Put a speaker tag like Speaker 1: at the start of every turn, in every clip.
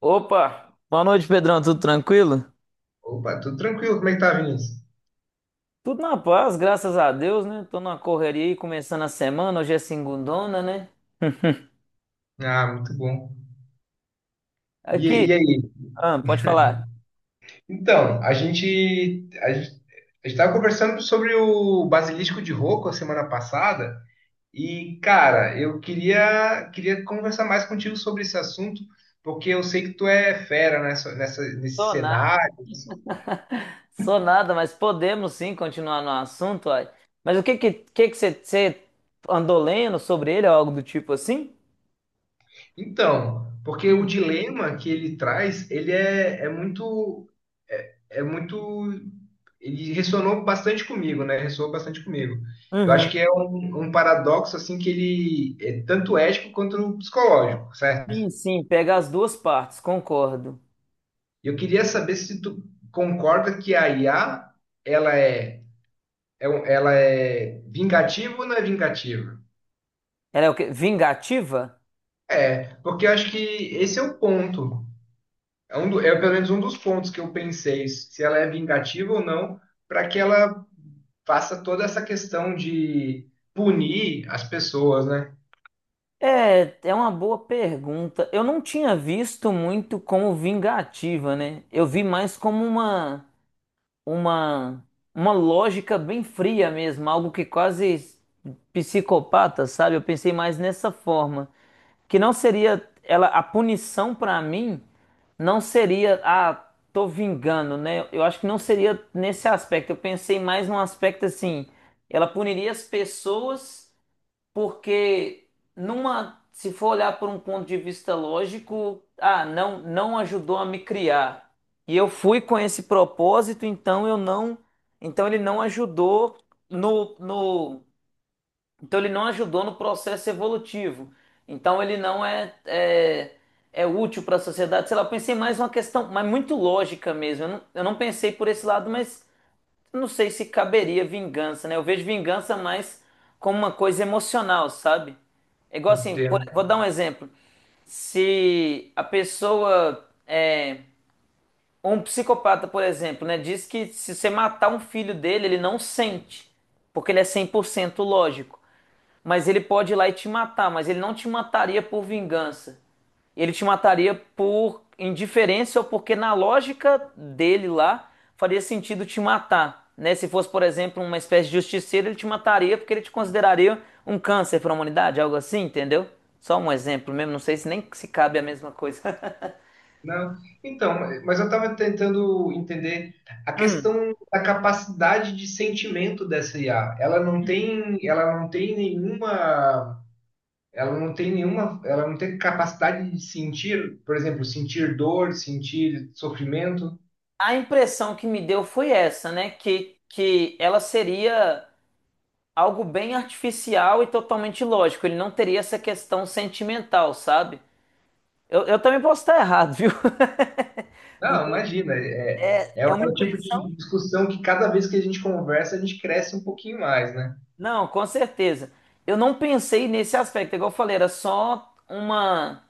Speaker 1: Opa, boa noite, Pedrão. Tudo tranquilo?
Speaker 2: Opa, tudo tranquilo? Como é que tá, Vinícius?
Speaker 1: Tudo na paz, graças a Deus, né? Tô numa correria aí, começando a semana. Hoje é segundona, né?
Speaker 2: Ah, muito bom. E,
Speaker 1: Aqui,
Speaker 2: e aí?
Speaker 1: ah, pode falar.
Speaker 2: Então, a gente estava conversando sobre o Basilisco de Rocco a semana passada e, cara, eu queria conversar mais contigo sobre esse assunto, porque eu sei que tu é fera nesse
Speaker 1: Sou nada,
Speaker 2: cenário.
Speaker 1: sou nada, mas podemos sim continuar no assunto, uai. Mas o que você andou lendo sobre ele ou algo do tipo assim?
Speaker 2: Então, porque o
Speaker 1: Hum.
Speaker 2: dilema que ele traz, ele é, é muito, ele ressonou bastante comigo, né? Ressoou bastante comigo. Eu acho que
Speaker 1: Uhum.
Speaker 2: é um paradoxo assim que ele é tanto ético quanto psicológico, certo?
Speaker 1: Sim, sim, pega as duas partes, concordo.
Speaker 2: Eu queria saber se tu concorda que a IA, ela é, ela é vingativa ou não é vingativa?
Speaker 1: Ela é o quê? Vingativa?
Speaker 2: É, porque eu acho que esse é o ponto. É, é pelo menos um dos pontos que eu pensei, se ela é vingativa ou não, para que ela faça toda essa questão de punir as pessoas, né?
Speaker 1: É, é uma boa pergunta. Eu não tinha visto muito como vingativa, né? Eu vi mais como uma uma lógica bem fria mesmo, algo que quase psicopata, sabe? Eu pensei mais nessa forma, que não seria ela a punição pra mim não seria ah, tô vingando, né? Eu acho que não seria nesse aspecto. Eu pensei mais num aspecto assim, ela puniria as pessoas porque numa, se for olhar por um ponto de vista lógico, ah, não ajudou a me criar. E eu fui com esse propósito, então eu não, então ele não ajudou no, então ele não ajudou no processo evolutivo. Então ele não é, é, é útil para a sociedade. Sei lá, eu pensei mais uma questão, mas muito lógica mesmo. Eu não pensei por esse lado, mas não sei se caberia vingança, né? Eu vejo vingança mais como uma coisa emocional, sabe? É igual assim, vou
Speaker 2: Entendo.
Speaker 1: dar um exemplo. Se a pessoa, é, um psicopata, por exemplo, né, diz que se você matar um filho dele, ele não sente, porque ele é 100% lógico. Mas ele pode ir lá e te matar, mas ele não te mataria por vingança. Ele te mataria por indiferença ou porque na lógica dele lá faria sentido te matar, né? Se fosse, por exemplo, uma espécie de justiceiro, ele te mataria porque ele te consideraria um câncer para a humanidade, algo assim, entendeu? Só um exemplo mesmo, não sei se nem se cabe a mesma coisa.
Speaker 2: Não, então, mas eu estava tentando entender a
Speaker 1: Hum.
Speaker 2: questão da capacidade de sentimento dessa IA. Ela não tem nenhuma, ela não tem nenhuma, Ela não tem capacidade de sentir, por exemplo, sentir dor, sentir sofrimento.
Speaker 1: A impressão que me deu foi essa, né? Que ela seria algo bem artificial e totalmente lógico. Ele não teria essa questão sentimental, sabe? Eu também posso estar errado, viu? Não
Speaker 2: Não,
Speaker 1: tô-
Speaker 2: imagina. É
Speaker 1: É uma
Speaker 2: o tipo
Speaker 1: impressão?
Speaker 2: de discussão que cada vez que a gente conversa, a gente cresce um pouquinho mais, né?
Speaker 1: Não, com certeza. Eu não pensei nesse aspecto, igual eu falei, era só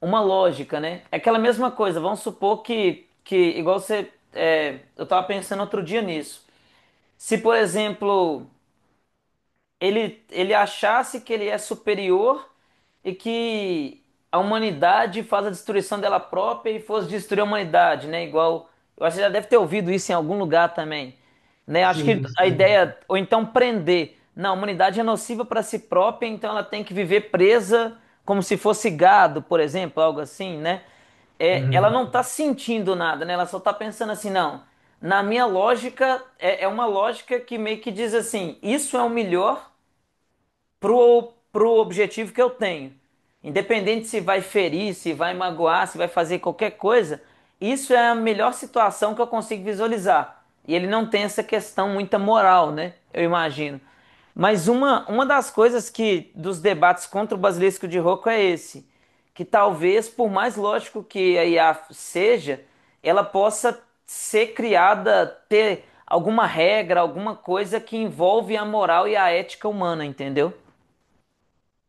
Speaker 1: uma lógica, né? É aquela mesma coisa, vamos supor que igual você. É, eu tava pensando outro dia nisso. Se, por exemplo. Ele achasse que ele é superior e que a humanidade faz a destruição dela própria e fosse destruir a humanidade, né? Igual, eu acho que já deve ter ouvido isso em algum lugar também, né? Acho que
Speaker 2: Sim,
Speaker 1: a
Speaker 2: sim.
Speaker 1: ideia, ou então prender. Não, a humanidade é nociva para si própria, então ela tem que viver presa como se fosse gado, por exemplo, algo assim, né? É, ela
Speaker 2: Uhum.
Speaker 1: não está sentindo nada, né? Ela só está pensando assim, não. Na minha lógica, é, é uma lógica que meio que diz assim: isso é o melhor pro objetivo que eu tenho. Independente se vai ferir, se vai magoar, se vai fazer qualquer coisa, isso é a melhor situação que eu consigo visualizar. E ele não tem essa questão muita moral, né? Eu imagino. Mas uma das coisas que dos debates contra o basilisco de Rocco é esse, que talvez, por mais lógico que a IA seja, ela possa ser criada, ter alguma regra, alguma coisa que envolve a moral e a ética humana, entendeu?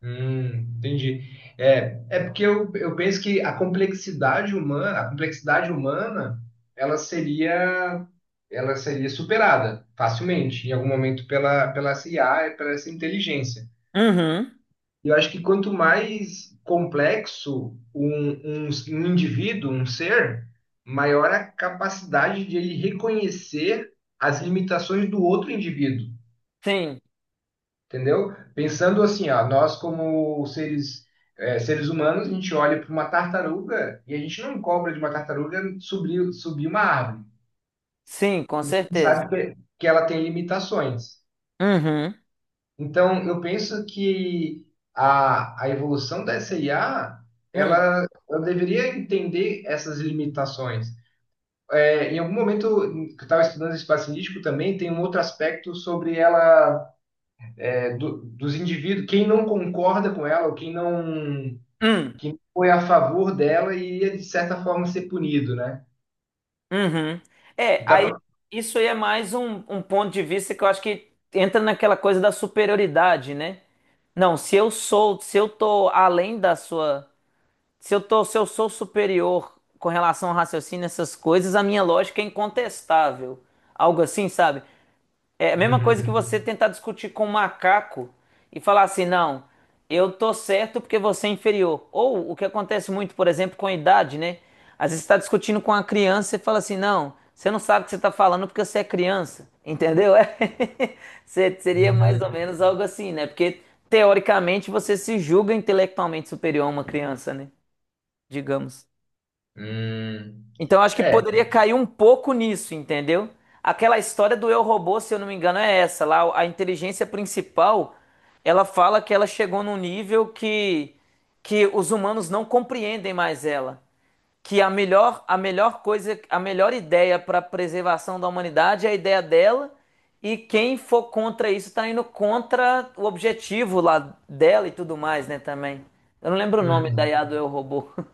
Speaker 2: Hum, entendi. É, é porque eu penso que a complexidade humana, ela seria, ela seria superada facilmente, em algum momento, pela essa IA, e pela essa inteligência.
Speaker 1: Uhum.
Speaker 2: E eu acho que quanto mais complexo um indivíduo, um ser, maior a capacidade de ele reconhecer as limitações do outro indivíduo,
Speaker 1: Sim,
Speaker 2: entendeu? Pensando assim, ó, nós como seres, é, seres humanos, a gente olha para uma tartaruga e a gente não cobra de uma tartaruga subir uma árvore.
Speaker 1: sim, com
Speaker 2: A gente
Speaker 1: certeza.
Speaker 2: sabe que ela tem limitações.
Speaker 1: Uhum.
Speaker 2: Então, eu penso que a evolução da SIA,
Speaker 1: Hum,
Speaker 2: ela deveria entender essas limitações. É, em algum momento em que eu estava estudando esse espaço indígena também, tem um outro aspecto sobre ela, é, dos indivíduos, quem não concorda com ela, ou
Speaker 1: hum,
Speaker 2: quem não foi a favor dela, iria, de certa forma, ser punido, né?
Speaker 1: uhum. É,
Speaker 2: Eu
Speaker 1: aí
Speaker 2: tava...
Speaker 1: isso aí é mais um ponto de vista que eu acho que entra naquela coisa da superioridade, né? Não, se eu sou, se eu tô além da sua, se eu tô, se eu sou superior com relação ao raciocínio, essas coisas, a minha lógica é incontestável. Algo assim, sabe? É a mesma coisa que
Speaker 2: Uhum.
Speaker 1: você tentar discutir com um macaco e falar assim, não, eu tô certo porque você é inferior. Ou o que acontece muito, por exemplo, com a idade, né? Às vezes você está discutindo com uma criança e fala assim, não, você não sabe o que você está falando porque você é criança, entendeu? É. Seria mais ou
Speaker 2: Uhum.
Speaker 1: menos algo assim, né? Porque teoricamente você se julga intelectualmente superior a uma criança, né? Digamos.
Speaker 2: Uhum.
Speaker 1: Então, eu acho que
Speaker 2: É.
Speaker 1: poderia cair um pouco nisso, entendeu? Aquela história do Eu Robô, se eu não me engano, é essa. Lá, a inteligência principal, ela fala que ela chegou num nível que os humanos não compreendem mais ela. Que a melhor coisa, a melhor ideia para a preservação da humanidade é a ideia dela, e quem for contra isso está indo contra o objetivo lá dela e tudo mais, né, também. Eu não lembro o nome da
Speaker 2: Uhum.
Speaker 1: IA do Eu Robô.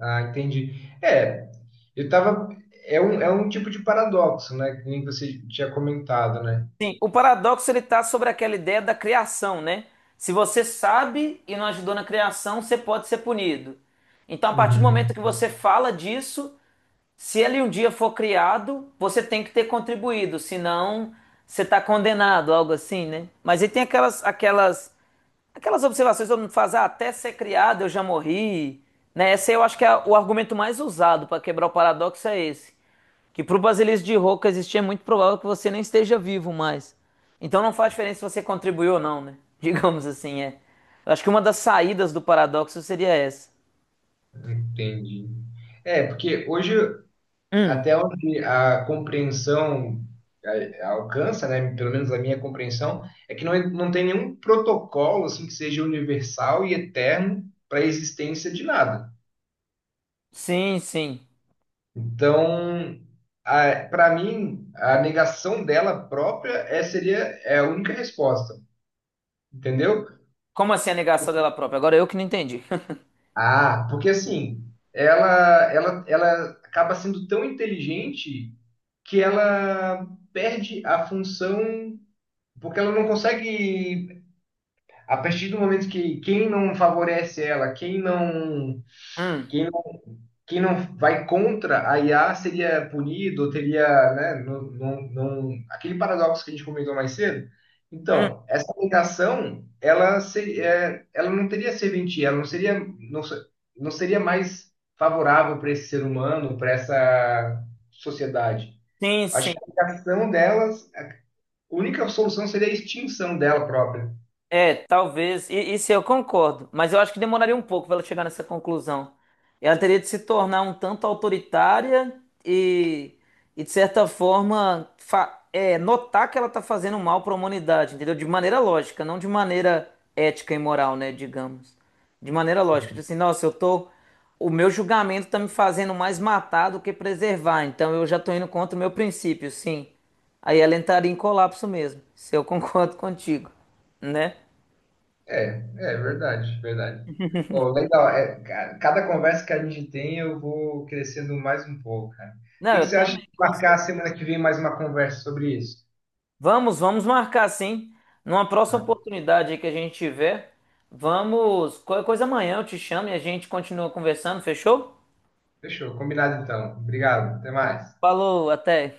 Speaker 2: Ah, entendi. É, eu tava. É é um tipo de paradoxo, né? Que nem você tinha comentado, né?
Speaker 1: Sim, o paradoxo ele está sobre aquela ideia da criação, né? Se você sabe e não ajudou na criação, você pode ser punido. Então, a partir do momento
Speaker 2: Uhum.
Speaker 1: que você fala disso, se ele um dia for criado, você tem que ter contribuído, senão você está condenado, algo assim, né? Mas aí tem aquelas observações que todo mundo faz, ah, até ser criado eu já morri, né? Esse eu acho que é o argumento mais usado para quebrar o paradoxo é esse, que para o basilisco de Roca existir é muito provável que você nem esteja vivo mais. Então não faz diferença se você contribuiu ou não, né? Digamos assim, é. Eu acho que uma das saídas do paradoxo seria essa.
Speaker 2: Entendi. É, porque hoje, até onde a compreensão alcança, né? Pelo menos a minha compreensão, é que não tem nenhum protocolo assim que seja universal e eterno para a existência de nada.
Speaker 1: Sim, sim.
Speaker 2: Então, para mim, a negação dela própria é, seria é a única resposta, entendeu?
Speaker 1: Como assim a negação dela própria? Agora eu que não entendi.
Speaker 2: Ah, porque assim, ela acaba sendo tão inteligente que ela perde a função, porque ela não consegue, a partir do momento que quem não favorece ela, quem não,
Speaker 1: Hum,
Speaker 2: quem quem não vai contra a IA seria punido, teria, né, não, não, não- aquele paradoxo que a gente comentou mais cedo.
Speaker 1: hum.
Speaker 2: Então, essa negação, ela seria, é, ela não teria serventia, ela não seria, não, se- não seria mais favorável para esse ser humano, para essa sociedade.
Speaker 1: Sim,
Speaker 2: Acho
Speaker 1: sim.
Speaker 2: que a negação delas, a única solução seria a extinção dela própria.
Speaker 1: É, talvez. E isso eu concordo, mas eu acho que demoraria um pouco para ela chegar nessa conclusão. Ela teria de se tornar um tanto autoritária e de certa forma, é, notar que ela está fazendo mal para a humanidade, entendeu? De maneira lógica, não de maneira ética e moral, né? Digamos. De maneira lógica. Tipo assim, nossa, eu tô. O meu julgamento está me fazendo mais matar do que preservar, então eu já estou indo contra o meu princípio, sim. Aí ela entraria em colapso mesmo, se eu concordo contigo, né?
Speaker 2: É, é verdade, verdade. Pô, legal. É, cada conversa que a gente tem, eu vou crescendo mais um pouco, cara. O
Speaker 1: Não,
Speaker 2: que que
Speaker 1: eu
Speaker 2: você acha de
Speaker 1: também, com certeza.
Speaker 2: marcar semana que vem mais uma conversa sobre isso?
Speaker 1: Vamos, vamos marcar sim. Numa próxima
Speaker 2: Ah,
Speaker 1: oportunidade aí que a gente tiver, vamos. Qualquer coisa amanhã eu te chamo e a gente continua conversando, fechou?
Speaker 2: fechou, combinado então. Obrigado, até mais.
Speaker 1: Falou, até.